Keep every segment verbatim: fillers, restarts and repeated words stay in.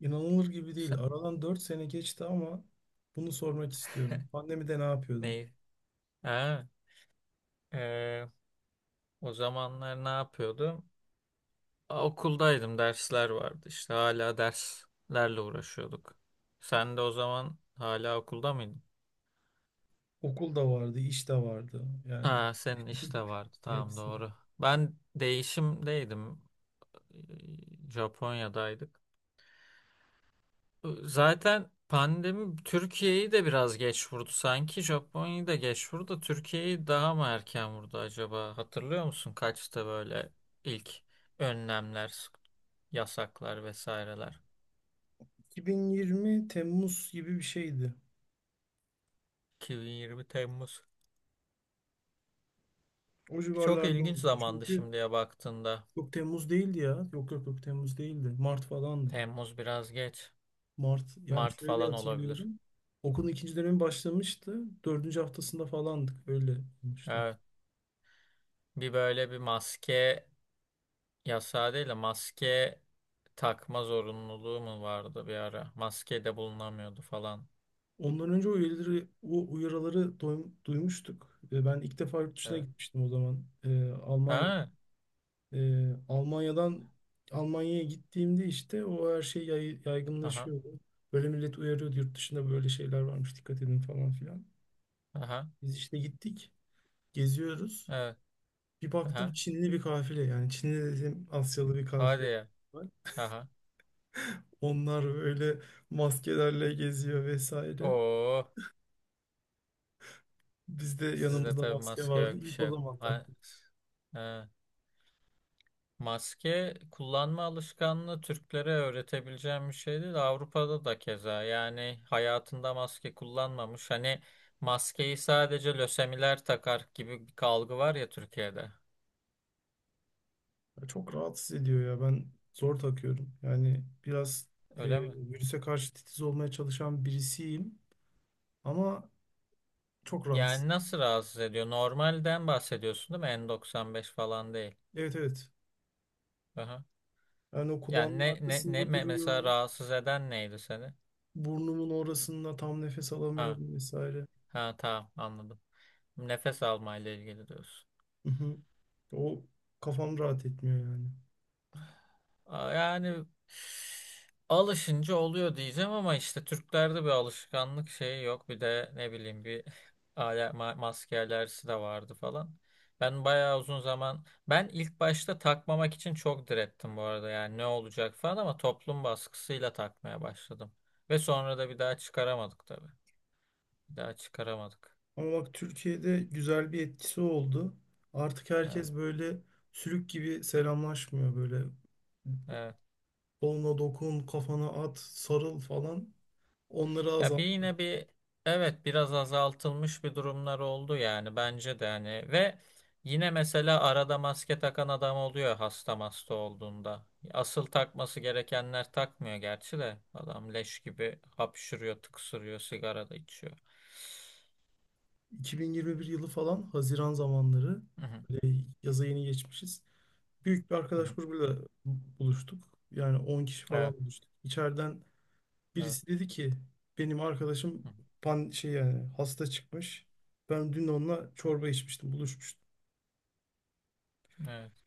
İnanılır gibi değil. Sen, Aradan dört sene geçti ama bunu sormak istiyorum. Pandemide ne yapıyordun? neyi? Ha, e, o zamanlar ne yapıyordum? A, okuldaydım, dersler vardı. İşte hala derslerle uğraşıyorduk. Sen de o zaman hala okulda mıydın? Okul da vardı, iş de vardı. Yani Ha, senin işte vardı. Tamam hepsi. doğru. Ben değişimdeydim. E, Japonya'daydık. Zaten pandemi Türkiye'yi de biraz geç vurdu sanki. Japonya'yı da geç vurdu. Da Türkiye'yi daha mı erken vurdu acaba? Hatırlıyor musun kaçta böyle ilk önlemler, yasaklar vesaireler? iki bin yirmi Temmuz gibi bir şeydi. iki bin yirmi Temmuz. O Çok civarlarda ilginç olmuştu. zamandı Çünkü şimdiye baktığında. yok, Temmuz değildi ya. Yok yok yok Temmuz değildi. Mart falandı. Temmuz biraz geç. Mart, yani Mart şöyle falan olabilir. hatırlıyorum. Okulun ikinci dönemi başlamıştı. Dördüncü haftasında falandık. Öyle olmuştu. Evet. Bir böyle bir maske yasağı değil de maske takma zorunluluğu mu vardı bir ara? Maske de bulunamıyordu falan. Ondan önce o üyeleri, o uyarıları doym- duymuştuk. E, Ben ilk defa yurt dışına Evet. gitmiştim o zaman. E, Almanya, Ha. e, Almanya'dan Almanya'ya gittiğimde işte o her şey yay- Aha. yaygınlaşıyordu. Böyle millet uyarıyordu, yurt dışında böyle şeyler varmış, dikkat edin falan filan. Aha. Biz işte gittik, geziyoruz. Evet. Bir baktım Aha. Çinli bir kafile, yani Çinli dedim, Asyalı bir Hadi kafile ya. var. Aha. Onlar böyle maskelerle geziyor vesaire. Oo. Bizde Sizde yanımızda tabii maske maske vardı. yok bir İlk o şey yok. zaman Ha. taktık. Ha. Maske kullanma alışkanlığı Türklere öğretebileceğim bir şey değil. Avrupa'da da keza. Yani hayatında maske kullanmamış. Hani maskeyi sadece lösemiler takar gibi bir algı var ya Türkiye'de. Ya, çok rahatsız ediyor ya. Ben zor takıyorum. Yani biraz e, Öyle mi? virüse karşı titiz olmaya çalışan birisiyim ama çok rahatsız. Yani nasıl rahatsız ediyor? Normalden bahsediyorsun değil mi? N doksan beş falan değil. Evet, evet. Aha. Yani o Yani kulağımın ne ne ne arkasında me- mesela duruyor. rahatsız eden neydi seni? Burnumun orasında tam nefes Ha alamıyorum vesaire. ha tamam anladım. Nefes almayla ilgili diyorsun. Hı hı. O, kafam rahat etmiyor yani. Aa, yani alışınca oluyor diyeceğim ama işte Türklerde bir alışkanlık şeyi yok. Bir de ne bileyim bir ale- ma- maske alerjisi de vardı falan. Ben bayağı uzun zaman ben ilk başta takmamak için çok direttim bu arada. Yani ne olacak falan ama toplum baskısıyla takmaya başladım. Ve sonra da bir daha çıkaramadık tabii. Bir daha çıkaramadık. Ama bak, Türkiye'de güzel bir etkisi oldu. Artık Evet. herkes böyle sülük gibi selamlaşmıyor. Böyle Evet. koluna dokun, kafana at, sarıl falan. Onları Ya bir azalttı. yine bir evet biraz azaltılmış bir durumlar oldu yani bence de hani ve yine mesela arada maske takan adam oluyor hasta hasta olduğunda. Asıl takması gerekenler takmıyor gerçi de adam leş gibi hapşırıyor, tıksırıyor, sigara da içiyor. iki bin yirmi bir yılı falan, Haziran zamanları, Hı hı, böyle yaza yeni geçmişiz. Büyük bir hı arkadaş hı. grubuyla buluştuk. Yani on kişi Evet, falan buluştuk. İçeriden evet, birisi dedi ki benim arkadaşım hı hı. pan şey, yani hasta çıkmış. Ben dün onunla çorba içmiştim, buluşmuştum. Evet.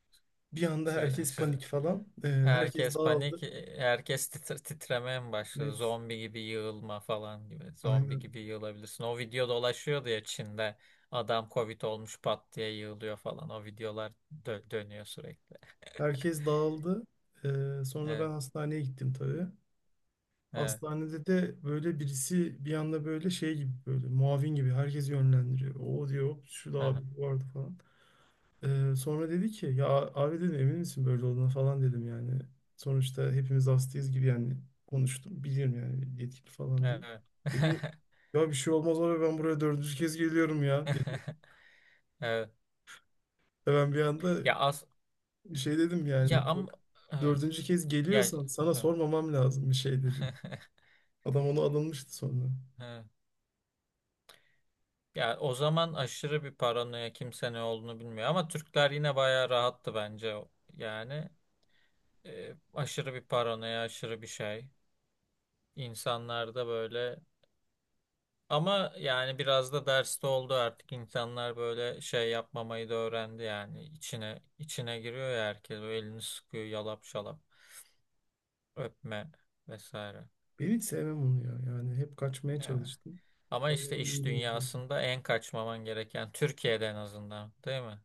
Bir anda Siz, herkes siz, panik falan. Ee, herkes herkes panik, dağıldı. e, herkes titre- titremeye mi başladı? Evet, Zombi gibi yığılma falan gibi. Zombi aynen. gibi yığılabilirsin. O video dolaşıyordu ya Çin'de. Adam Covid olmuş pat diye yığılıyor falan. O videolar dö- dönüyor sürekli. Herkes dağıldı. Ee, sonra ben Evet, hastaneye gittim tabii. evet, Hastanede de böyle birisi bir anda böyle şey gibi, böyle muavin gibi herkes yönlendiriyor. O diyor, "Hop, şu da abi aha, vardı" falan. Ee, sonra dedi ki ya, abi dedim, emin misin böyle olduğuna falan dedim yani. Sonuçta hepimiz hastayız gibi yani, konuştum. Bilirim yani, yetkili falan değil. evet. Dedi ya, bir şey olmaz abi, ben buraya dördüncü kez geliyorum ya, dedi. Evet. E Ben bir anda Ya az şey dedim ya yani, am Evet. dördüncü kez Ya geliyorsan sana evet. sormamam lazım bir şey, dedim. Adam onu alınmıştı sonra. Evet. Ya o zaman aşırı bir paranoya kimse ne olduğunu bilmiyor ama Türkler yine bayağı rahattı bence yani e, aşırı bir paranoya, aşırı bir şey. İnsanlarda böyle ama yani biraz da derste oldu artık insanlar böyle şey yapmamayı da öğrendi yani içine içine giriyor ya herkes o elini sıkıyor yalap şalap öpme vesaire. Ben hiç sevmem onu ya. Yani hep kaçmaya Yani. çalıştım. Ama işte Pandemi, iş iyi bilemedim. dünyasında en kaçmaman gereken Türkiye'de en azından değil mi?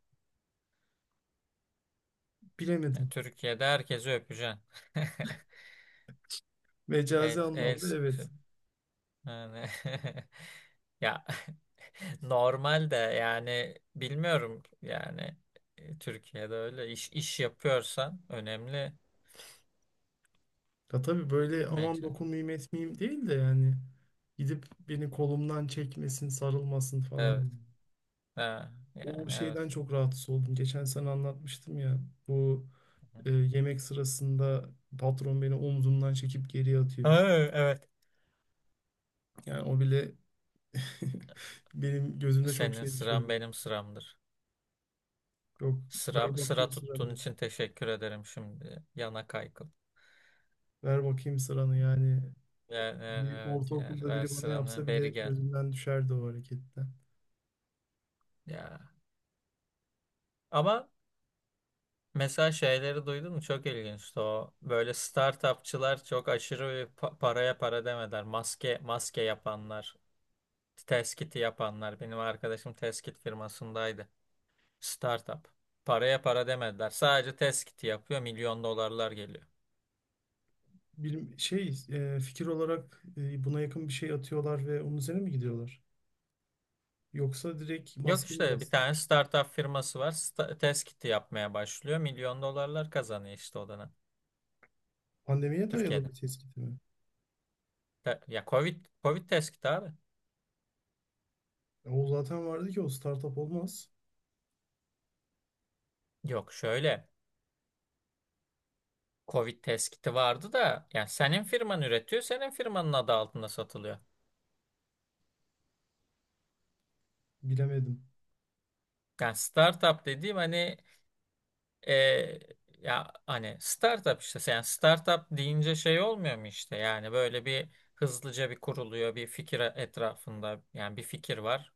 Yani Bilemedim. Türkiye'de herkesi öpeceksin. Mecazi El, el anlamda, evet. sıkışıp. Yani Ya normal de yani bilmiyorum yani e, Türkiye'de öyle iş iş yapıyorsan önemli Ya tabii, böyle aman bence. dokunmayayım etmeyeyim değil de, yani gidip beni kolumdan çekmesin, sarılmasın Evet. falan. Ha, O yani evet. şeyden çok rahatsız oldum. Geçen sene anlatmıştım ya. Bu e, Yemek sırasında patron beni omzumdan çekip geriye Ha, atıyor. evet. Yani o bile benim gözümde çok Senin şey sıran düşürdü. benim sıramdır. Yok, ver Sıra, bakayım sıra tuttuğun sıranı. için teşekkür ederim şimdi. Yana kaykıl. Ver bakayım sıranı yani. Yani, Bir evet yer. ortaokulda Ver biri bana sıranı. yapsa bile Beri gel. gözümden düşerdi o hareketten. Ya. Ama mesela şeyleri duydun mu? Çok ilginçti o. Böyle startupçılar çok aşırı bir pa- paraya para demediler. Maske maske yapanlar, test kiti yapanlar. Benim arkadaşım test kit firmasındaydı. Startup. Paraya para demediler. Sadece test kiti yapıyor. Milyon dolarlar geliyor. Bir şey e, fikir olarak, e, buna yakın bir şey atıyorlar ve onun üzerine mi gidiyorlar? Yoksa direkt Yok maske mi işte bir bastı? tane startup firması var. Sta test kiti yapmaya başlıyor. Milyon dolarlar kazanıyor işte o dönem. Pandemiye dayalı Türkiye'de. bir tespit mi? Te- ya Covid, Covid test kiti abi. E, O zaten vardı ki, o startup olmaz. Yok şöyle. Covid test vardı da yani senin firman üretiyor, senin firmanın adı altında satılıyor. Bilemedim. Yani startup dediğim hani e, ya hani startup işte yani startup deyince şey olmuyor mu işte yani böyle bir hızlıca bir kuruluyor bir fikir etrafında yani bir fikir var.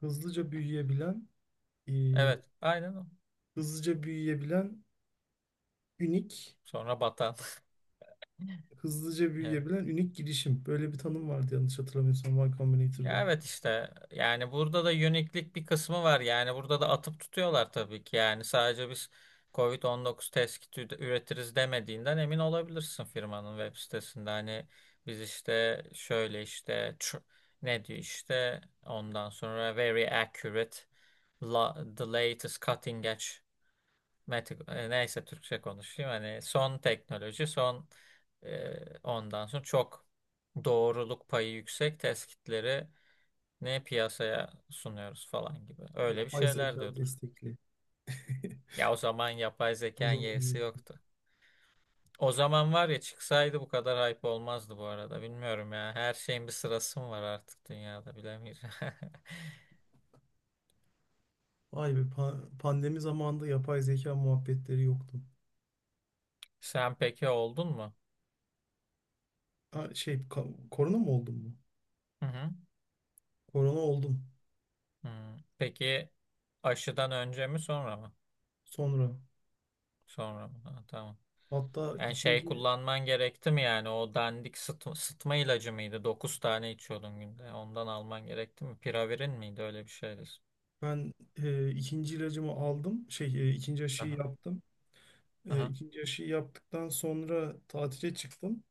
Hızlıca büyüyebilen, e, Evet, aynen o. hızlıca büyüyebilen ünik, Sonra batan. Hızlıca Evet. büyüyebilen ünik girişim. Böyle bir tanım vardı yanlış hatırlamıyorsam, Y Ya Combinator'da. evet işte yani burada da uniklik bir kısmı var. Yani burada da atıp tutuyorlar tabii ki. Yani sadece biz Covid on dokuz test kiti üde- üretiriz demediğinden emin olabilirsin firmanın web sitesinde. Hani biz işte şöyle işte tr- ne diyor işte ondan sonra very accurate la- the latest cutting edge meti- e, neyse Türkçe konuşayım. Hani son teknoloji son e, ondan sonra çok doğruluk payı yüksek test kitleri ne piyasaya sunuyoruz falan gibi. Öyle bir Yapay şeyler zeka diyordur. destekli. Ya o zaman yapay O zekanın yeğsi zaman. yoktu. O zaman var ya çıksaydı bu kadar hype olmazdı bu arada. Bilmiyorum ya. Her şeyin bir sırası mı var artık dünyada bilemiyorum. Vay be, pa- pandemi zamanında yapay zeka muhabbetleri yoktu. Sen peki oldun mu? Ha, şey ka- korona mı oldum mu? Hı hı. Korona oldum Hı. Peki aşıdan önce mi sonra mı? sonra. Sonra mı? Ha, tamam. Hatta Yani şey ikinci kullanman gerekti mi yani o dandik sıtma, sıtma ilacı mıydı? Dokuz tane içiyordun günde. Ondan alman gerekti mi? Piravirin miydi? Öyle bir şeydi. ben e, ikinci ilacımı aldım. Şey e, ikinci aşıyı yaptım. E, Aha. ikinci aşıyı yaptıktan sonra tatile çıktım.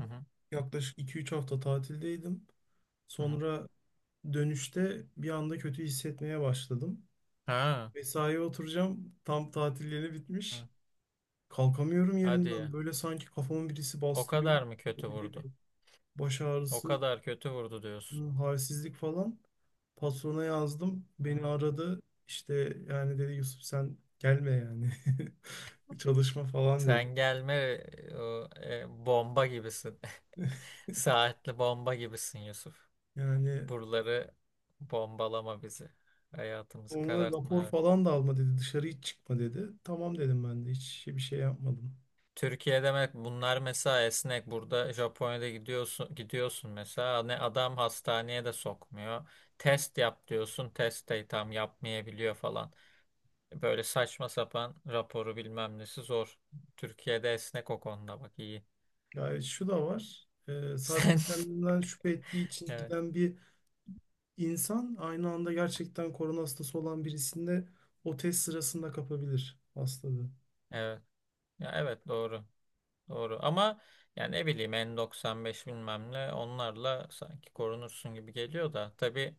Hı hı. Yaklaşık iki üç hafta tatildeydim. Hı hı. Sonra dönüşte bir anda kötü hissetmeye başladım. Ha. Mesaiye oturacağım. Tam tatil yeni Ha. bitmiş. Kalkamıyorum Hadi ya. yerimden. Böyle sanki kafamı birisi O bastırıyor. kadar mı kötü Böyle vurdu? bir baş O ağrısı, kadar kötü vurdu diyorsun. hı, halsizlik falan. Patrona yazdım. Beni Hmm. aradı. İşte yani dedi, Yusuf sen gelme yani. Çalışma falan dedi. Sen gelme, e, o, e, bomba gibisin. Saatli bomba gibisin Yusuf. Yani Buraları bombalama bizi. Hayatımızı sonra karartma. rapor Evet. falan da alma dedi. Dışarı hiç çıkma dedi. Tamam dedim ben de. Hiç bir şey yapmadım. Türkiye demek bunlar mesela esnek. Burada Japonya'da gidiyorsun gidiyorsun mesela ne adam hastaneye de sokmuyor. Test yap diyorsun. Test de tam yapmayabiliyor falan. Böyle saçma sapan raporu bilmem nesi zor. Türkiye'de esnek o konuda bak iyi. Yani şu da var: e, sadece Sen kendinden şüphe ettiği için evet giden bir İnsan aynı anda gerçekten korona hastası olan birisinde o test sırasında kapabilir hastalığı. evet ya evet doğru doğru ama yani ne bileyim N doksan beş bilmem ne onlarla sanki korunursun gibi geliyor da tabii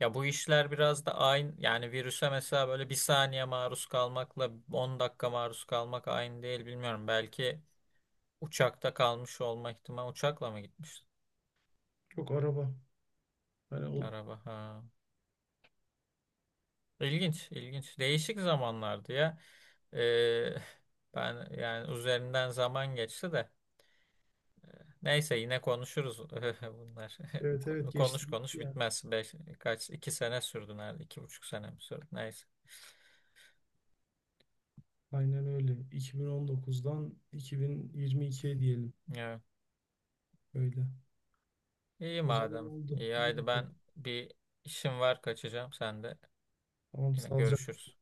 ya bu işler biraz da aynı yani virüse mesela böyle bir saniye maruz kalmakla on dakika maruz kalmak aynı değil bilmiyorum belki uçakta kalmış olma ihtimali uçakla mı gitmiş Yok, araba. Hani o, araba ha. İlginç, ilginç. Değişik zamanlardı ya. Ee, Ben yani üzerinden zaman geçti de. Neyse yine konuşuruz bunlar. evet evet, geçti Konuş gitti konuş ya. bitmez. Beş, kaç, iki sene sürdü nerede? İki buçuk sene mi sürdü? Neyse. Aynen öyle. iki bin on dokuzdan iki bin yirmi ikiye diyelim Evet. öyle. İyi O zaman madem. oldu. İyi İyi haydi bakalım. ben bir işim var kaçacağım. Sen de Tamam, yine sağlıcakla. görüşürüz.